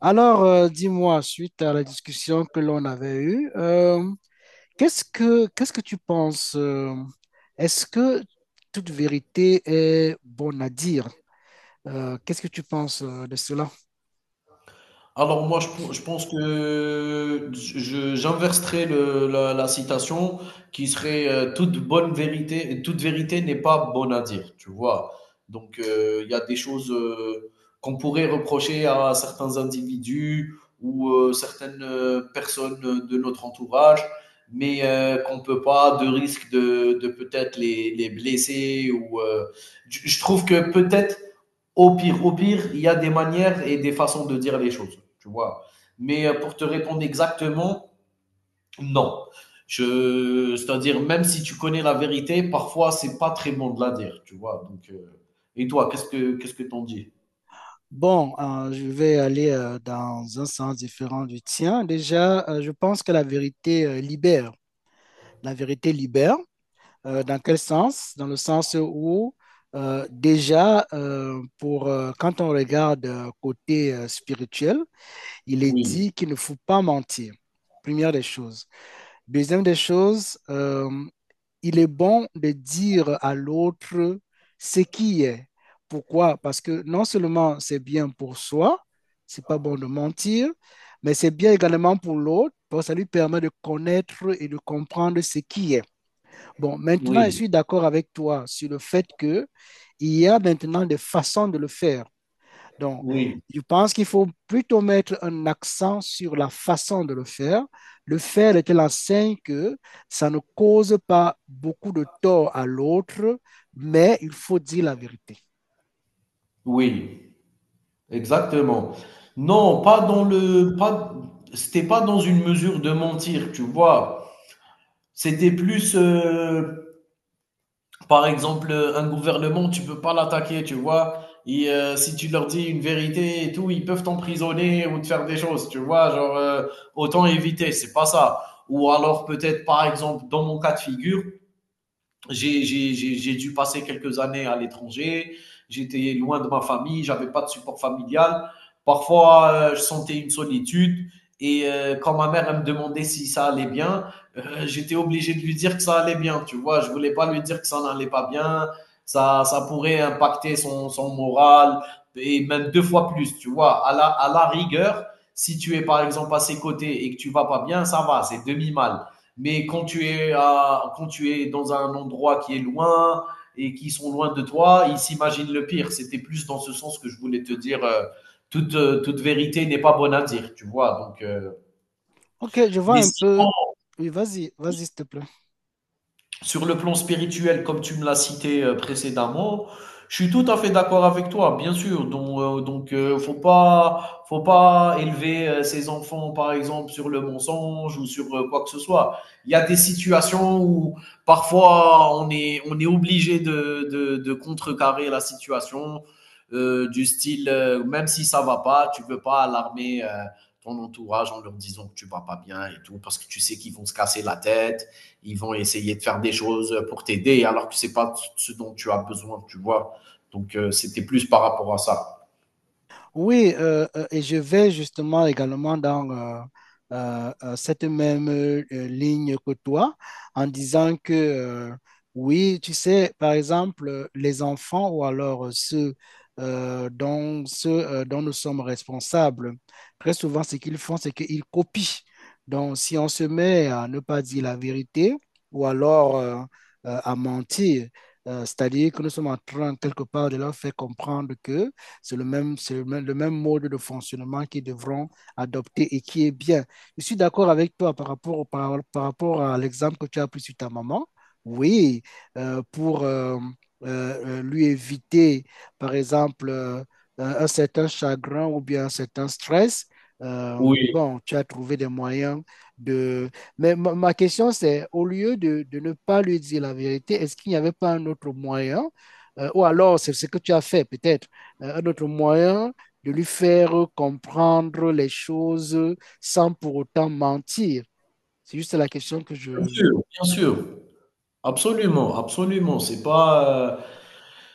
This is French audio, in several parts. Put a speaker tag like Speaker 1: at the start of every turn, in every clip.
Speaker 1: Alors, dis-moi, suite à la discussion que l'on avait eue, qu'est-ce que tu penses? Est-ce que toute vérité est bonne à dire? Qu'est-ce que tu penses de cela?
Speaker 2: Alors moi, je pense que j'inverserai la citation qui serait toute bonne vérité, toute vérité n'est pas bonne à dire, tu vois. Donc il y a des choses qu'on pourrait reprocher à certains individus ou certaines personnes de notre entourage, mais qu'on peut pas de risque de peut-être les blesser ou je trouve que peut-être au pire, il y a des manières et des façons de dire les choses, tu vois. Mais pour te répondre exactement, non. C'est-à-dire, même si tu connais la vérité, parfois, c'est pas très bon de la dire, tu vois. Donc, et toi, qu'est-ce que t'en dis?
Speaker 1: Bon, je vais aller dans un sens différent du tien. Déjà, je pense que la vérité libère. La vérité libère. Dans quel sens? Dans le sens où, déjà, quand on regarde côté spirituel, il est
Speaker 2: Oui,
Speaker 1: dit qu'il ne faut pas mentir. Première des choses. Deuxième des choses, il est bon de dire à l'autre ce qui est. Pourquoi? Parce que non seulement c'est bien pour soi, c'est pas bon de mentir, mais c'est bien également pour l'autre, parce que ça lui permet de connaître et de comprendre ce qui est. Bon, maintenant, je
Speaker 2: oui,
Speaker 1: suis d'accord avec toi sur le fait que il y a maintenant des façons de le faire. Donc,
Speaker 2: oui,
Speaker 1: je pense qu'il faut plutôt mettre un accent sur la façon de le faire de telle enseigne que ça ne cause pas beaucoup de tort à l'autre, mais il faut dire la vérité.
Speaker 2: oui, exactement. Non, pas dans le, pas, c'était pas dans une mesure de mentir, tu vois. C'était plus, par exemple, un gouvernement, tu peux pas l'attaquer, tu vois. Et si tu leur dis une vérité et tout, ils peuvent t'emprisonner ou te faire des choses, tu vois. Genre, autant éviter, c'est pas ça. Ou alors peut-être, par exemple, dans mon cas de figure, j'ai dû passer quelques années à l'étranger, j'étais loin de ma famille, j'avais pas de support familial. Parfois, je sentais une solitude et quand ma mère elle me demandait si ça allait bien, j'étais obligé de lui dire que ça allait bien, tu vois, je ne voulais pas lui dire que ça n'allait pas bien, ça pourrait impacter son moral et même deux fois plus, tu vois, à la rigueur, si tu es par exemple à ses côtés et que tu ne vas pas bien, ça va, c'est demi-mal. Mais quand tu es dans un endroit qui est loin et qui sont loin de toi, ils s'imaginent le pire. C'était plus dans ce sens que je voulais te dire. Toute vérité n'est pas bonne à dire, tu vois. Donc,
Speaker 1: Ok, je vois
Speaker 2: mais
Speaker 1: un peu.
Speaker 2: sinon,
Speaker 1: Oui, vas-y, vas-y, s'il te plaît.
Speaker 2: sur le plan spirituel, comme tu me l'as cité précédemment, je suis tout à fait d'accord avec toi, bien sûr. Donc, faut pas élever ses enfants, par exemple, sur le mensonge ou sur quoi que ce soit. Il y a des situations où parfois on est obligé de contrecarrer la situation du style, même si ça va pas, tu peux pas alarmer ton entourage en leur disant que tu vas pas bien et tout, parce que tu sais qu'ils vont se casser la tête, ils vont essayer de faire des choses pour t'aider alors que c'est pas ce dont tu as besoin, tu vois. Donc c'était plus par rapport à ça.
Speaker 1: Oui, et je vais justement également dans cette même ligne que toi en disant que oui, tu sais, par exemple, les enfants ou alors ceux dont nous sommes responsables, très souvent, ce qu'ils font, c'est qu'ils copient. Donc, si on se met à ne pas dire la vérité ou alors à mentir, c'est-à-dire que nous sommes en train quelque part de leur faire comprendre que le même mode de fonctionnement qu'ils devront adopter et qui est bien. Je suis d'accord avec toi par rapport à l'exemple que tu as pris sur ta maman. Oui, pour lui éviter, par exemple, un certain chagrin ou bien un certain stress. euh,
Speaker 2: Oui,
Speaker 1: bon, tu as trouvé des moyens de... Mais ma question, c'est, de ne pas lui dire la vérité, est-ce qu'il n'y avait pas un autre moyen? Ou alors, c'est ce que tu as fait, peut-être un autre moyen de lui faire comprendre les choses sans pour autant mentir. C'est juste la question que
Speaker 2: bien
Speaker 1: je...
Speaker 2: sûr, bien sûr. Absolument, absolument. C'est pas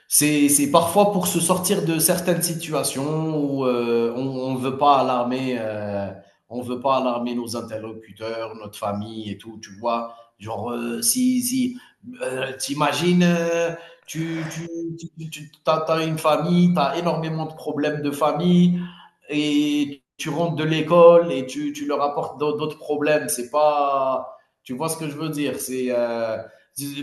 Speaker 2: C'est parfois pour se sortir de certaines situations où on ne veut pas alarmer, on veut pas alarmer nos interlocuteurs, notre famille et tout, tu vois. Genre, si, si, t'imagines, tu, tu, t'as une famille, t'as énormément de problèmes de famille et tu rentres de l'école et tu leur apportes d'autres problèmes. C'est pas, Tu vois ce que je veux dire. C'est,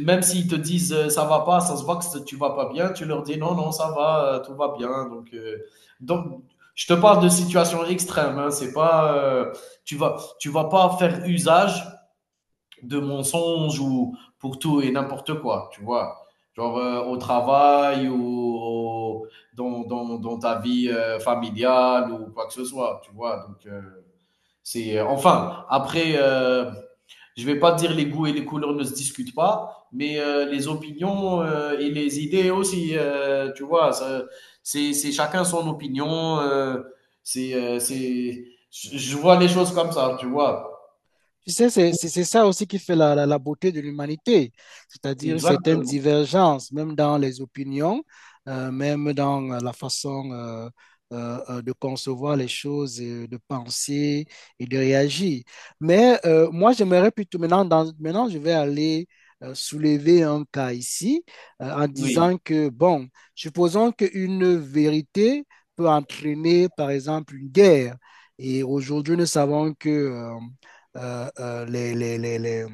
Speaker 2: même s'ils te disent ça va pas, ça se voit que tu vas pas bien, tu leur dis non, non, ça va, tout va bien. Donc je te parle de situation extrême. Hein, c'est pas, tu vas pas faire usage de mensonges ou pour tout et n'importe quoi, tu vois. Genre au travail ou au- dans ta vie familiale ou quoi que ce soit, tu vois. Donc, c'est enfin après, je vais pas dire les goûts et les couleurs ne se discutent pas, mais les opinions et les idées aussi, tu vois, c'est chacun son opinion. C'est euh, c'est, je vois les choses comme ça, tu vois.
Speaker 1: Tu sais, c'est ça aussi qui fait la beauté de l'humanité, c'est-à-dire une certaine
Speaker 2: Exactement.
Speaker 1: divergence, même dans les opinions, même dans la façon de concevoir les choses, de penser et de réagir. Mais moi, j'aimerais plutôt, maintenant, maintenant, je vais aller soulever un cas ici, en
Speaker 2: Oui,
Speaker 1: disant que, bon, supposons qu'une vérité peut entraîner, par exemple, une guerre. Et aujourd'hui, nous savons que... euh, euh, les, les, les, les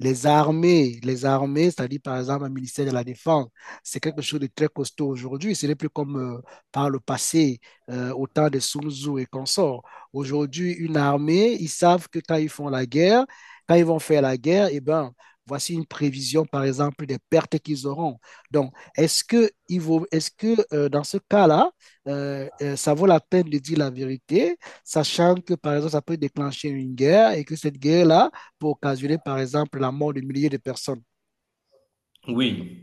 Speaker 1: les armées, c'est-à-dire par exemple le ministère de la Défense, c'est quelque chose de très costaud aujourd'hui. Ce n'est plus comme par le passé, au temps de Sun Tzu et consorts. Aujourd'hui, une armée, ils savent que quand ils font la guerre, quand ils vont faire la guerre, eh ben, voici une prévision, par exemple, des pertes qu'ils auront. Donc, est-ce que dans ce cas-là, ça vaut la peine de dire la vérité sachant que, par exemple, ça peut déclencher une guerre et que cette guerre-là peut occasionner, par exemple, la mort de milliers de personnes.
Speaker 2: oui.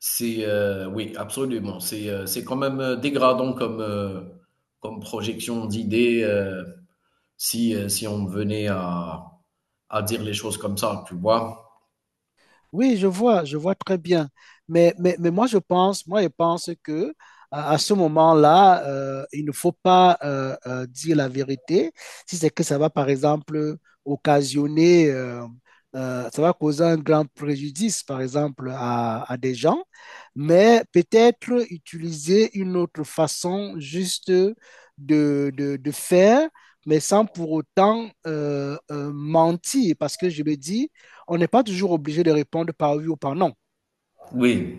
Speaker 2: C'est Oui, absolument. C'est quand même dégradant comme comme projection d'idées. Si on venait à dire les choses comme ça, tu vois.
Speaker 1: Oui, je vois très bien. Mais moi, je pense que à ce moment-là, il ne faut pas dire la vérité. Si c'est que ça va, par exemple, occasionner, ça va causer un grand préjudice, par exemple, à des gens. Mais peut-être utiliser une autre façon juste de, de faire, mais sans pour autant mentir. Parce que je me dis, on n'est pas toujours obligé de répondre par oui ou par non.
Speaker 2: Oui,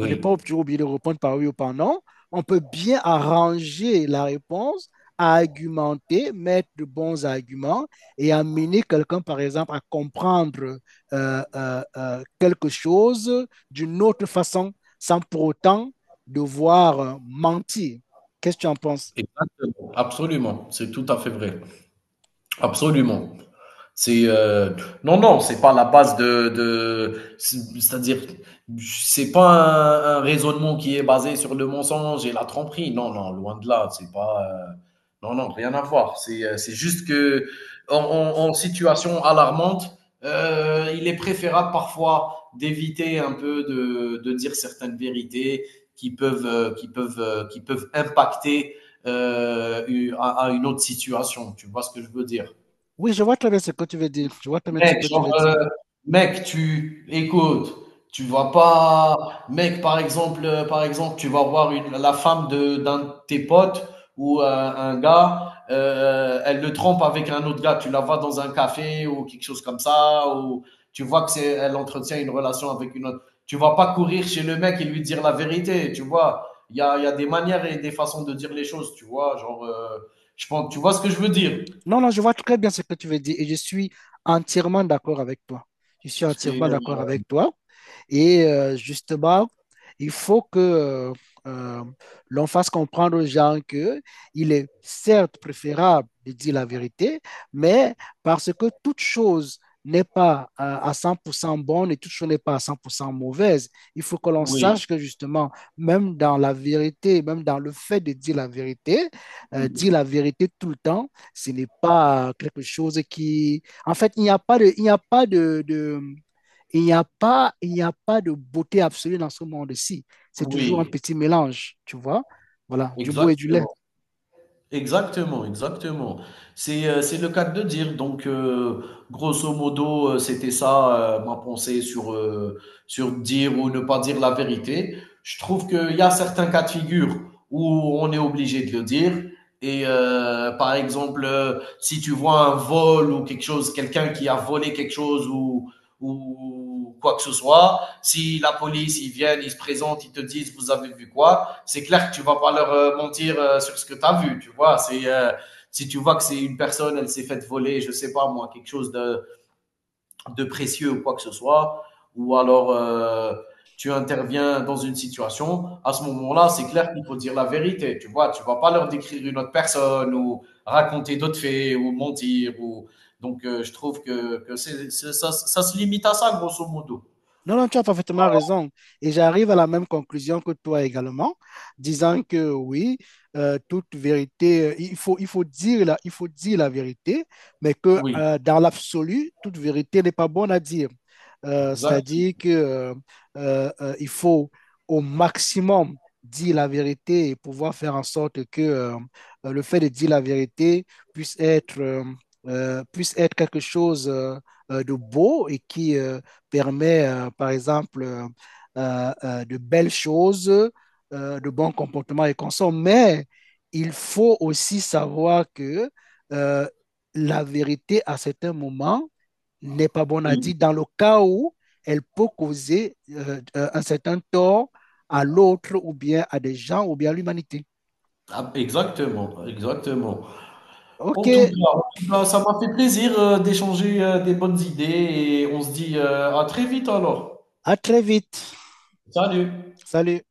Speaker 1: On n'est pas toujours obligé de répondre par oui ou par non. On peut bien arranger la réponse, argumenter, mettre de bons arguments et amener quelqu'un, par exemple, à comprendre quelque chose d'une autre façon, sans pour autant devoir mentir. Qu'est-ce que tu en penses?
Speaker 2: Exactement, absolument, c'est tout à fait vrai, absolument. C'est Non, non, c'est pas la base de c'est- à dire c'est pas un raisonnement qui est basé sur le mensonge et la tromperie. Non, non, loin de là, c'est pas non, non, rien à voir. C'est juste que en situation alarmante, il est préférable parfois d'éviter un peu de dire certaines vérités qui peuvent impacter à une autre situation. Tu vois ce que je veux dire?
Speaker 1: Oui, je vois très bien ce que tu veux dire. Je vois très bien ce
Speaker 2: Mec,
Speaker 1: que tu
Speaker 2: genre,
Speaker 1: veux dire.
Speaker 2: mec, tu écoute, tu vas pas mec, par exemple, tu vas voir une la femme de d'un de tes potes ou un gars, elle le trompe avec un autre gars. Tu la vois dans un café ou quelque chose comme ça ou tu vois que c'est elle entretient une relation avec une autre. Tu vas pas courir chez le mec et lui dire la vérité, tu vois? Il y a des manières et des façons de dire les choses, tu vois? Genre, je pense, tu vois ce que je veux dire?
Speaker 1: Non, non, je vois très bien ce que tu veux dire et je suis entièrement d'accord avec toi. Je suis
Speaker 2: C'est,
Speaker 1: entièrement d'accord avec toi. Et justement, il faut que euh, l'on fasse comprendre aux gens que il est certes préférable de dire la vérité, mais parce que toute chose n'est pas à 100% bonne et toute chose n'est pas à 100% mauvaise. Il faut que l'on
Speaker 2: oui,
Speaker 1: sache que justement, même dans la vérité, même dans le fait de dire
Speaker 2: oui,
Speaker 1: la vérité tout le temps, ce n'est pas quelque chose qui... En fait, il n'y a pas de, il n'y a pas de, de- il n'y a pas, il n'y a pas de beauté absolue dans ce monde-ci. C'est toujours un
Speaker 2: oui.
Speaker 1: petit mélange, tu vois. Voilà, du beau et du laid.
Speaker 2: Exactement, exactement, exactement. C'est le cas de dire. Donc, grosso modo, c'était ça ma pensée sur, sur dire ou ne pas dire la vérité. Je trouve qu'il y a certains cas de figure où on est obligé de le dire. Et par exemple, si tu vois un vol ou quelque chose, quelqu'un qui a volé quelque chose ou quoi que ce soit, si la police, ils viennent, ils se présentent, ils te disent, vous avez vu quoi? C'est clair que tu vas pas leur mentir sur ce que tu as vu, tu vois. C'est Si tu vois que c'est une personne, elle s'est faite voler, je sais pas moi, quelque chose de précieux ou quoi que ce soit, ou alors tu interviens dans une situation, à ce moment-là, c'est clair qu'il faut dire la vérité, tu vois. Tu vas pas leur décrire une autre personne ou raconter d'autres faits ou mentir ou donc je trouve que ça se limite à ça grosso modo.
Speaker 1: Non, non, tu as parfaitement raison. Et j'arrive à la même conclusion que toi également, disant que oui, toute vérité, il faut dire la vérité, mais que
Speaker 2: Oui,
Speaker 1: dans l'absolu, toute vérité n'est pas bonne à dire.
Speaker 2: exact,
Speaker 1: C'est-à-dire que il faut au maximum dire la vérité et pouvoir faire en sorte que le fait de dire la vérité puisse être, euh, puisse être quelque chose de beau et qui, permet, par exemple, de belles choses, de bons comportements et consorts, mais il faut aussi savoir que euh, la vérité à certains moments n'est pas bonne à
Speaker 2: oui.
Speaker 1: dire dans le cas où elle peut causer un certain tort à l'autre ou bien à des gens ou bien à l'humanité.
Speaker 2: Ah, exactement, exactement.
Speaker 1: OK,
Speaker 2: En tout cas, ça m'a fait plaisir d'échanger des bonnes idées et on se dit à très vite alors.
Speaker 1: à très vite.
Speaker 2: Salut!
Speaker 1: Salut.